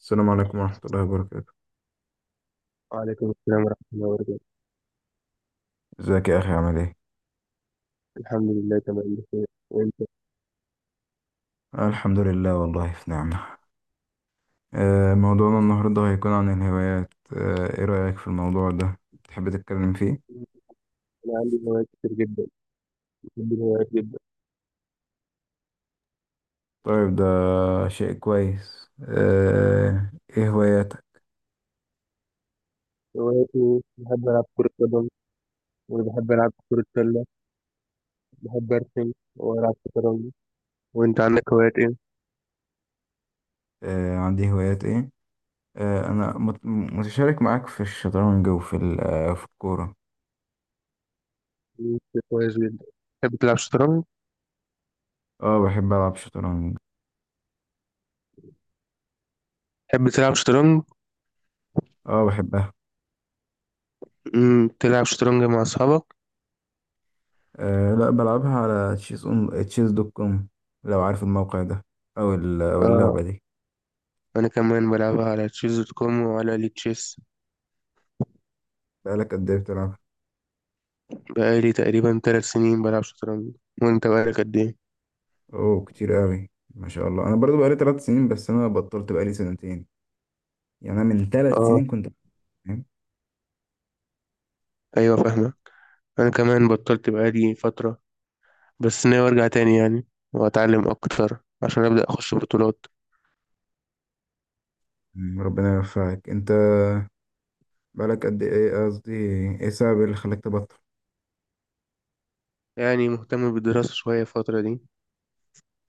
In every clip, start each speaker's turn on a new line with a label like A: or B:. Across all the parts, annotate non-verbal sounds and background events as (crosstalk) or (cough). A: السلام عليكم ورحمة الله وبركاته.
B: وعليكم السلام ورحمة الله وبركاته.
A: ازيك يا اخي؟ عامل ايه؟
B: الحمد لله تمام بخير، وانت؟
A: الحمد لله، والله في نعمة. موضوعنا النهاردة هيكون عن الهوايات. ايه رأيك في الموضوع ده؟ تحب تتكلم فيه؟
B: انا عندي هوايات كتير جدا. بحب الهوايات جدا.
A: طيب ده شيء كويس. ايه هواياتك؟
B: هواياتي بحب العب كرة قدم، وبحب العب كرة سلة، بحب ارسم والعب شطرنج. وانت عندك هوايات ايه؟
A: عندي هوايات ايه. انا متشارك معاك في الشطرنج وفي في الكورة.
B: مم، كويس جدا. تحب تلعب شطرنج؟
A: اه، بحب ألعب شطرنج.
B: تحب تلعب شطرنج؟
A: اه بحبها.
B: تلعب شطرنج مع اصحابك؟
A: لا، بلعبها على تشيز، اون تشيز دوت كوم، لو عارف الموقع ده او
B: اه،
A: اللعبة دي.
B: انا كمان بلعبها على تشيز دوت كوم وعلى لي تشيس.
A: بقالك قد ايه بتلعب؟
B: بقالي تقريبا 3 سنين بلعب شطرنج. وانت بقالك قد ايه؟
A: اوه، كتير قوي، ما شاء الله. انا برضو بقالي ثلاث سنين، بس انا بطلت بقالي سنتين. يعني انا من ثلاث
B: اه،
A: سنين كنت بتمرن.
B: ايوه فاهمة. انا كمان بطلت بقالي فترة، بس ناوي ارجع تاني يعني، واتعلم اكتر عشان ابدا اخش بطولات.
A: ربنا يوفقك. انت بقالك قد ايه؟ قصدي ايه السبب اللي خلاك تبطل؟
B: يعني مهتم بالدراسة شوية الفترة دي،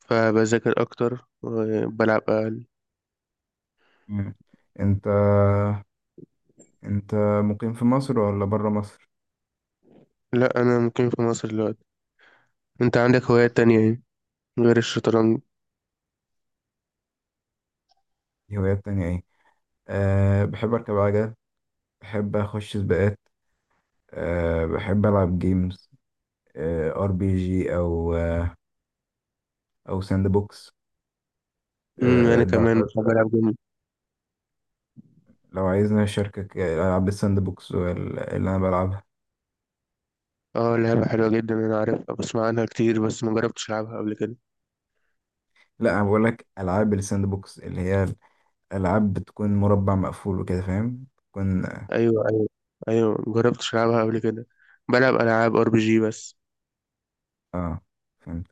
B: فبذاكر اكتر وبلعب اقل.
A: مم. انت انت مقيم في مصر ولا بره مصر؟
B: لا، انا مقيم في مصر دلوقتي. انت عندك هوايات تانية ايه غير الشطرنج؟
A: دي هوايات تانية ايه؟ أه بحب اركب عجل، بحب اخش سباقات. أه بحب العب جيمز. أه ار بي جي او او ساند بوكس. أه
B: انا
A: ده
B: كمان بحب العب جيم.
A: لو عايزنا أشاركك ألعاب الساند بوكس اللي أنا بلعبها.
B: اه، لعبة (laughs) حلوة جدا، انا عارفها، بسمع عنها كتير بس ما جربتش العبها قبل كده.
A: لا، أنا بقولك ألعاب الساند بوكس اللي هي ألعاب بتكون مربع مقفول وكده، فاهم؟ بتكون
B: ايوه، ايوه، ايوه، ما جربتش العبها قبل كده. بلعب العاب ار بي جي بس.
A: آه فهمت.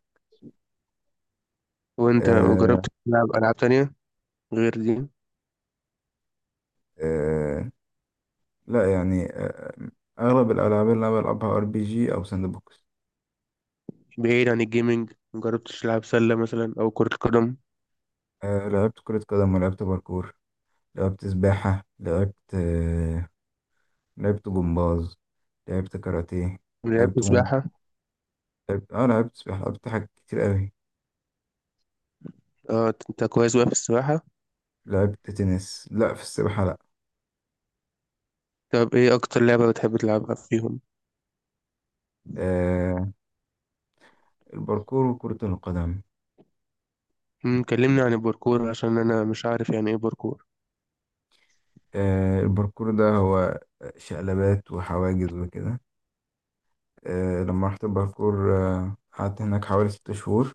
B: وانت جربت
A: آه
B: تلعب العاب تانية غير دي؟
A: آه لا يعني، أغلب الألعاب اللي أنا بلعبها ار بي جي أو ساند بوكس.
B: بعيد عن الجيمنج، مجربتش تلعب سلة مثلا أو كرة قدم؟
A: آه لعبت كرة قدم، ولعبت باركور، لعبت سباحة، لعبت لعبت جمباز، لعبت كاراتيه،
B: لعبت
A: لعبت مو
B: سباحة؟
A: لعبت لعبت سباحة، لعبت حاجات كتير أوي.
B: اه، أنت كويس بقى في السباحة.
A: لعبت تنس. لا، في السباحة لا.
B: طب إيه أكتر لعبة بتحب تلعبها فيهم؟
A: آه، الباركور وكرة القدم.
B: كلمني عن الباركور عشان أنا مش عارف يعني إيه باركور.
A: الباركور ده هو شقلبات وحواجز وكده. لما رحت الباركور قعدت هناك حوالي ست شهور.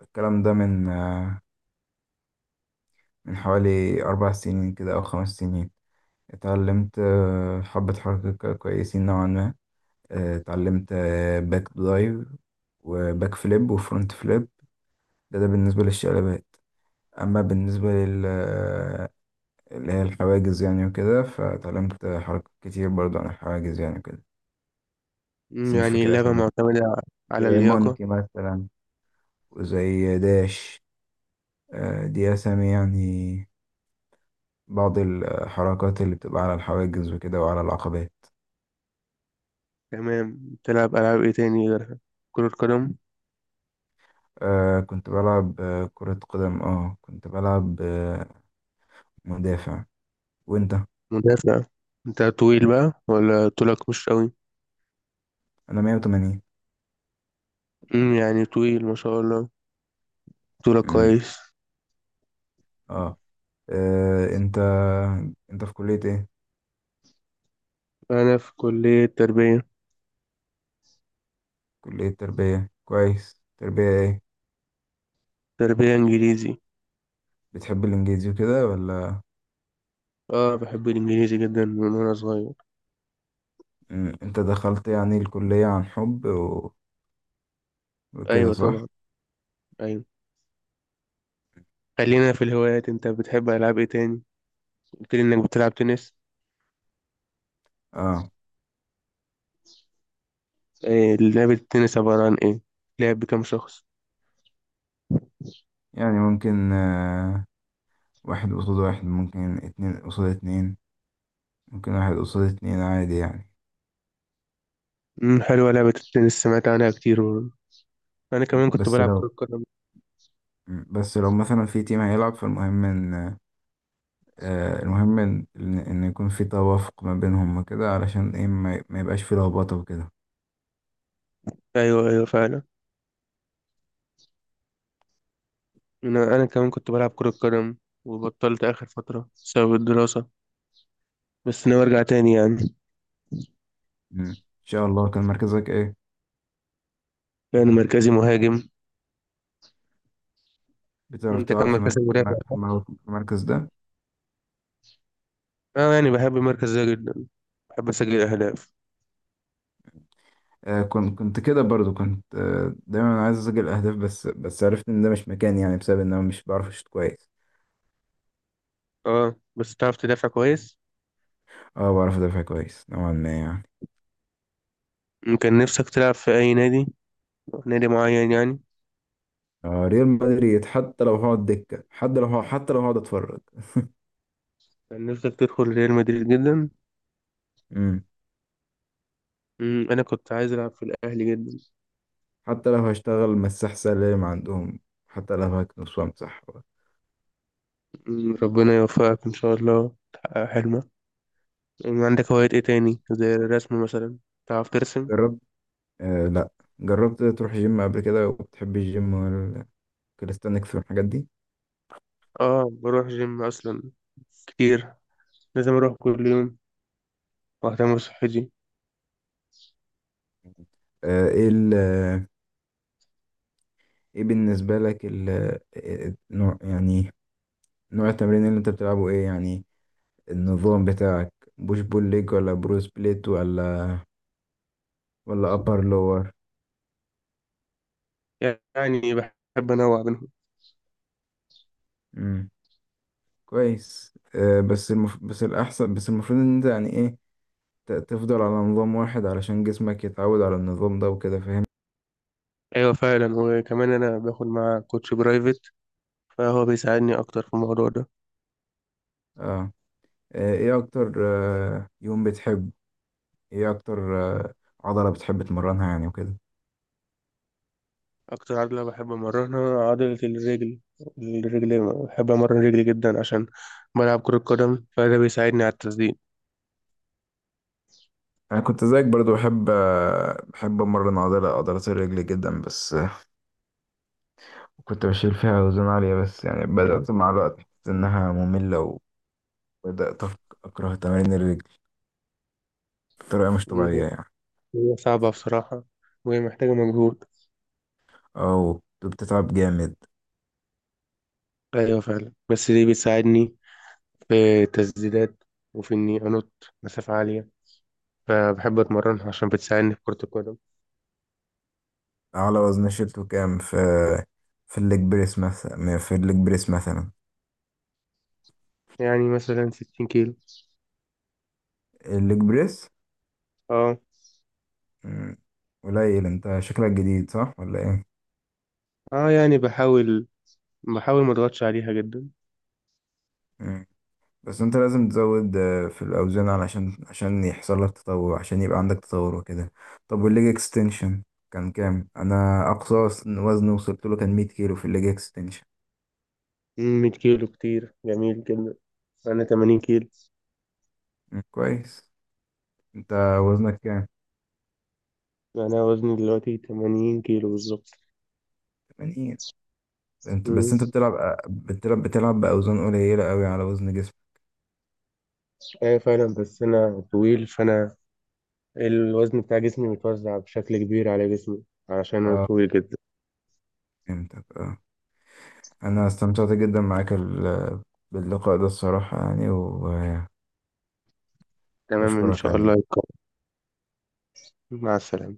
A: الكلام ده من من حوالي أربع سنين كده أو خمس سنين. اتعلمت حبة حركة كويسين نوعا ما. اتعلمت باك دايف وباك فليب وفرونت فليب. ده بالنسبة للشقلبات. أما بالنسبة لل آه، اللي هي الحواجز، يعني وكده، فتعلمت حركات كتير برضو عن الحواجز يعني وكده، بس مش
B: يعني
A: فاكر
B: اللعبة
A: اسامي.
B: معتمدة على
A: زي
B: اللياقة.
A: مونكي مثلا وزي داش. دي اسامي يعني بعض الحركات اللي بتبقى على الحواجز وكده وعلى العقبات.
B: تمام. تلعب ألعاب إيه تاني غيرها؟ كرة قدم؟
A: آه كنت بلعب كرة قدم. اه كنت بلعب مدافع. وانت؟
B: مدافع؟ أنت طويل بقى ولا طولك مش قوي؟
A: انا 180.
B: يعني طويل ما شاء الله، طولك
A: امم،
B: كويس.
A: اه. آه، انت انت في كلية ايه؟
B: أنا في كلية تربية.
A: كلية تربية. كويس، تربية ايه؟
B: تربية إنجليزي.
A: بتحب الانجليزي وكده ولا؟
B: اه، بحب الإنجليزي جدا من وأنا صغير.
A: أمم، انت دخلت يعني الكلية عن حب وكده،
B: ايوه
A: صح؟
B: طبعا. ايوه. خلينا في الهوايات. انت بتحب العاب ايه تاني؟ قلت لي انك بتلعب تنس.
A: اه
B: إيه لعبة التنس عبارة عن ايه؟ لعب بكام شخص؟
A: يعني ممكن، واحد قصاد واحد، ممكن اتنين قصاد اتنين، ممكن واحد قصاد اتنين عادي يعني.
B: حلوة لعبة التنس، سمعت عنها كتير برضه. انا كمان كنت
A: بس
B: بلعب
A: لو
B: كرة قدم.
A: بس لو مثلا في تيم هيلعب، فالمهم ان المهم ان إن يكون في توافق ما بينهم وكده، علشان ايه ما يبقاش في لخبطة وكده.
B: ايوه، ايوه، فعلا. انا كمان كنت بلعب كرة قدم وبطلت اخر فترة بسبب الدراسة، بس ناوي ارجع تاني يعني.
A: أمم، ان شاء الله. كان مركزك ايه؟
B: يعني مركزي مهاجم.
A: بتعرف
B: انت كان
A: تلعب في
B: مركزك
A: مركز؟
B: مدافع صح؟
A: في المركز ده؟
B: اه، يعني بحب المركز ده جدا، بحب اسجل اهداف.
A: كنت كده برضو، كنت دايما عايز اسجل اهداف، بس عرفت ان ده مش مكاني يعني، بسبب ان انا مش بعرف اشوط كويس.
B: اه بس تعرف تدافع كويس.
A: اه بعرف ادافع كويس نوعا ما يعني.
B: كان نفسك تلعب في اي نادي؟ نادي معين يعني.
A: آه ريال مدريد، حتى لو هقعد دكة، حتى لو هقعد اتفرج.
B: كان نفسك تدخل ريال مدريد جدا.
A: امم،
B: انا كنت عايز العب في الاهلي جدا.
A: حتى لو هشتغل مساح سلام عندهم، حتى لو هكنس وامسح.
B: ربنا يوفقك ان شاء الله تحقق حلمك. عندك هوايات ايه تاني زي الرسم مثلا؟ تعرف ترسم؟
A: جربت. لا. جربت تروح جيم قبل كده؟ وبتحب الجيم والكاليستانكس والحاجات دي؟
B: اه، بروح جيم اصلا كتير، لازم اروح كل يوم واهتم بصحتي.
A: ايه ايه بالنسبة لك النوع يعني، نوع التمرين اللي انت بتلعبه ايه يعني؟ النظام بتاعك بوش بول ليج، ولا برو سبليت، ولا ابر لور؟
B: يعني بحب انوع بينهم.
A: امم كويس. بس الاحسن، بس المفروض ان انت يعني ايه، تفضل على نظام واحد علشان جسمك يتعود على النظام ده وكده، فاهم؟
B: ايوه فعلا. وكمان انا باخد مع كوتش برايفت، فهو بيساعدني اكتر في الموضوع ده.
A: اه. ايه اكتر يوم بتحب، ايه اكتر عضلة بتحب تمرنها يعني وكده؟
B: أكتر عضلة بحب أمرنها عضلة الرجل. الرجل بحب أمرن رجلي جدا عشان بلعب كرة قدم، فده بيساعدني على التسديد.
A: انا كنت زيك برضو، بحب امرن عضلات الرجل جدا. بس كنت بشيل فيها أوزان عالية، بس يعني بدأت مع الوقت أحس إنها مملة، وبدأت أكره تمارين الرجل بطريقة مش
B: مم،
A: طبيعية يعني.
B: هي صعبة بصراحة، وهي محتاجة مجهود.
A: أو كنت بتتعب جامد.
B: أيوة فعلا، بس دي بتساعدني في التسديدات، وفي إني أنط مسافة عالية. فبحب أتمرنها عشان بتساعدني في كرة القدم.
A: أعلى وزن شيلته كام في في الليج بريس مثلا؟
B: يعني مثلا 60 كيلو.
A: الليج بريس.
B: اه.
A: مم، قليل. أنت شكلك جديد، صح ولا؟
B: اه، يعني بحاول ما أضغطش عليها جدا.
A: إيه؟ بس انت لازم تزود في الاوزان، عشان يحصل لك تطور، عشان يبقى عندك تطور وكده. طب والليج اكستنشن كان كام؟ انا اقصى وزن وصلت له كان 100 كيلو في الليج اكستنشن.
B: 100 كيلو كتير، جميل جدا. أنا 80 كيلو.
A: مم، كويس. انت وزنك كام؟
B: يعني انا وزني دلوقتي 80 كيلو بالظبط.
A: 80. انت بس
B: مم.
A: انت بتلعب بتلعب باوزان قليله قوي على وزن جسمك.
B: ايوه فعلا، بس انا طويل، فانا الوزن بتاع جسمي متوزع بشكل كبير على جسمي، علشان انا
A: اه
B: طويل جدا.
A: فهمتك. اه انا استمتعت جدا معاك باللقاء ده الصراحه، يعني
B: تمام ان
A: واشكرك
B: شاء
A: على
B: الله يكون. مع السلامة.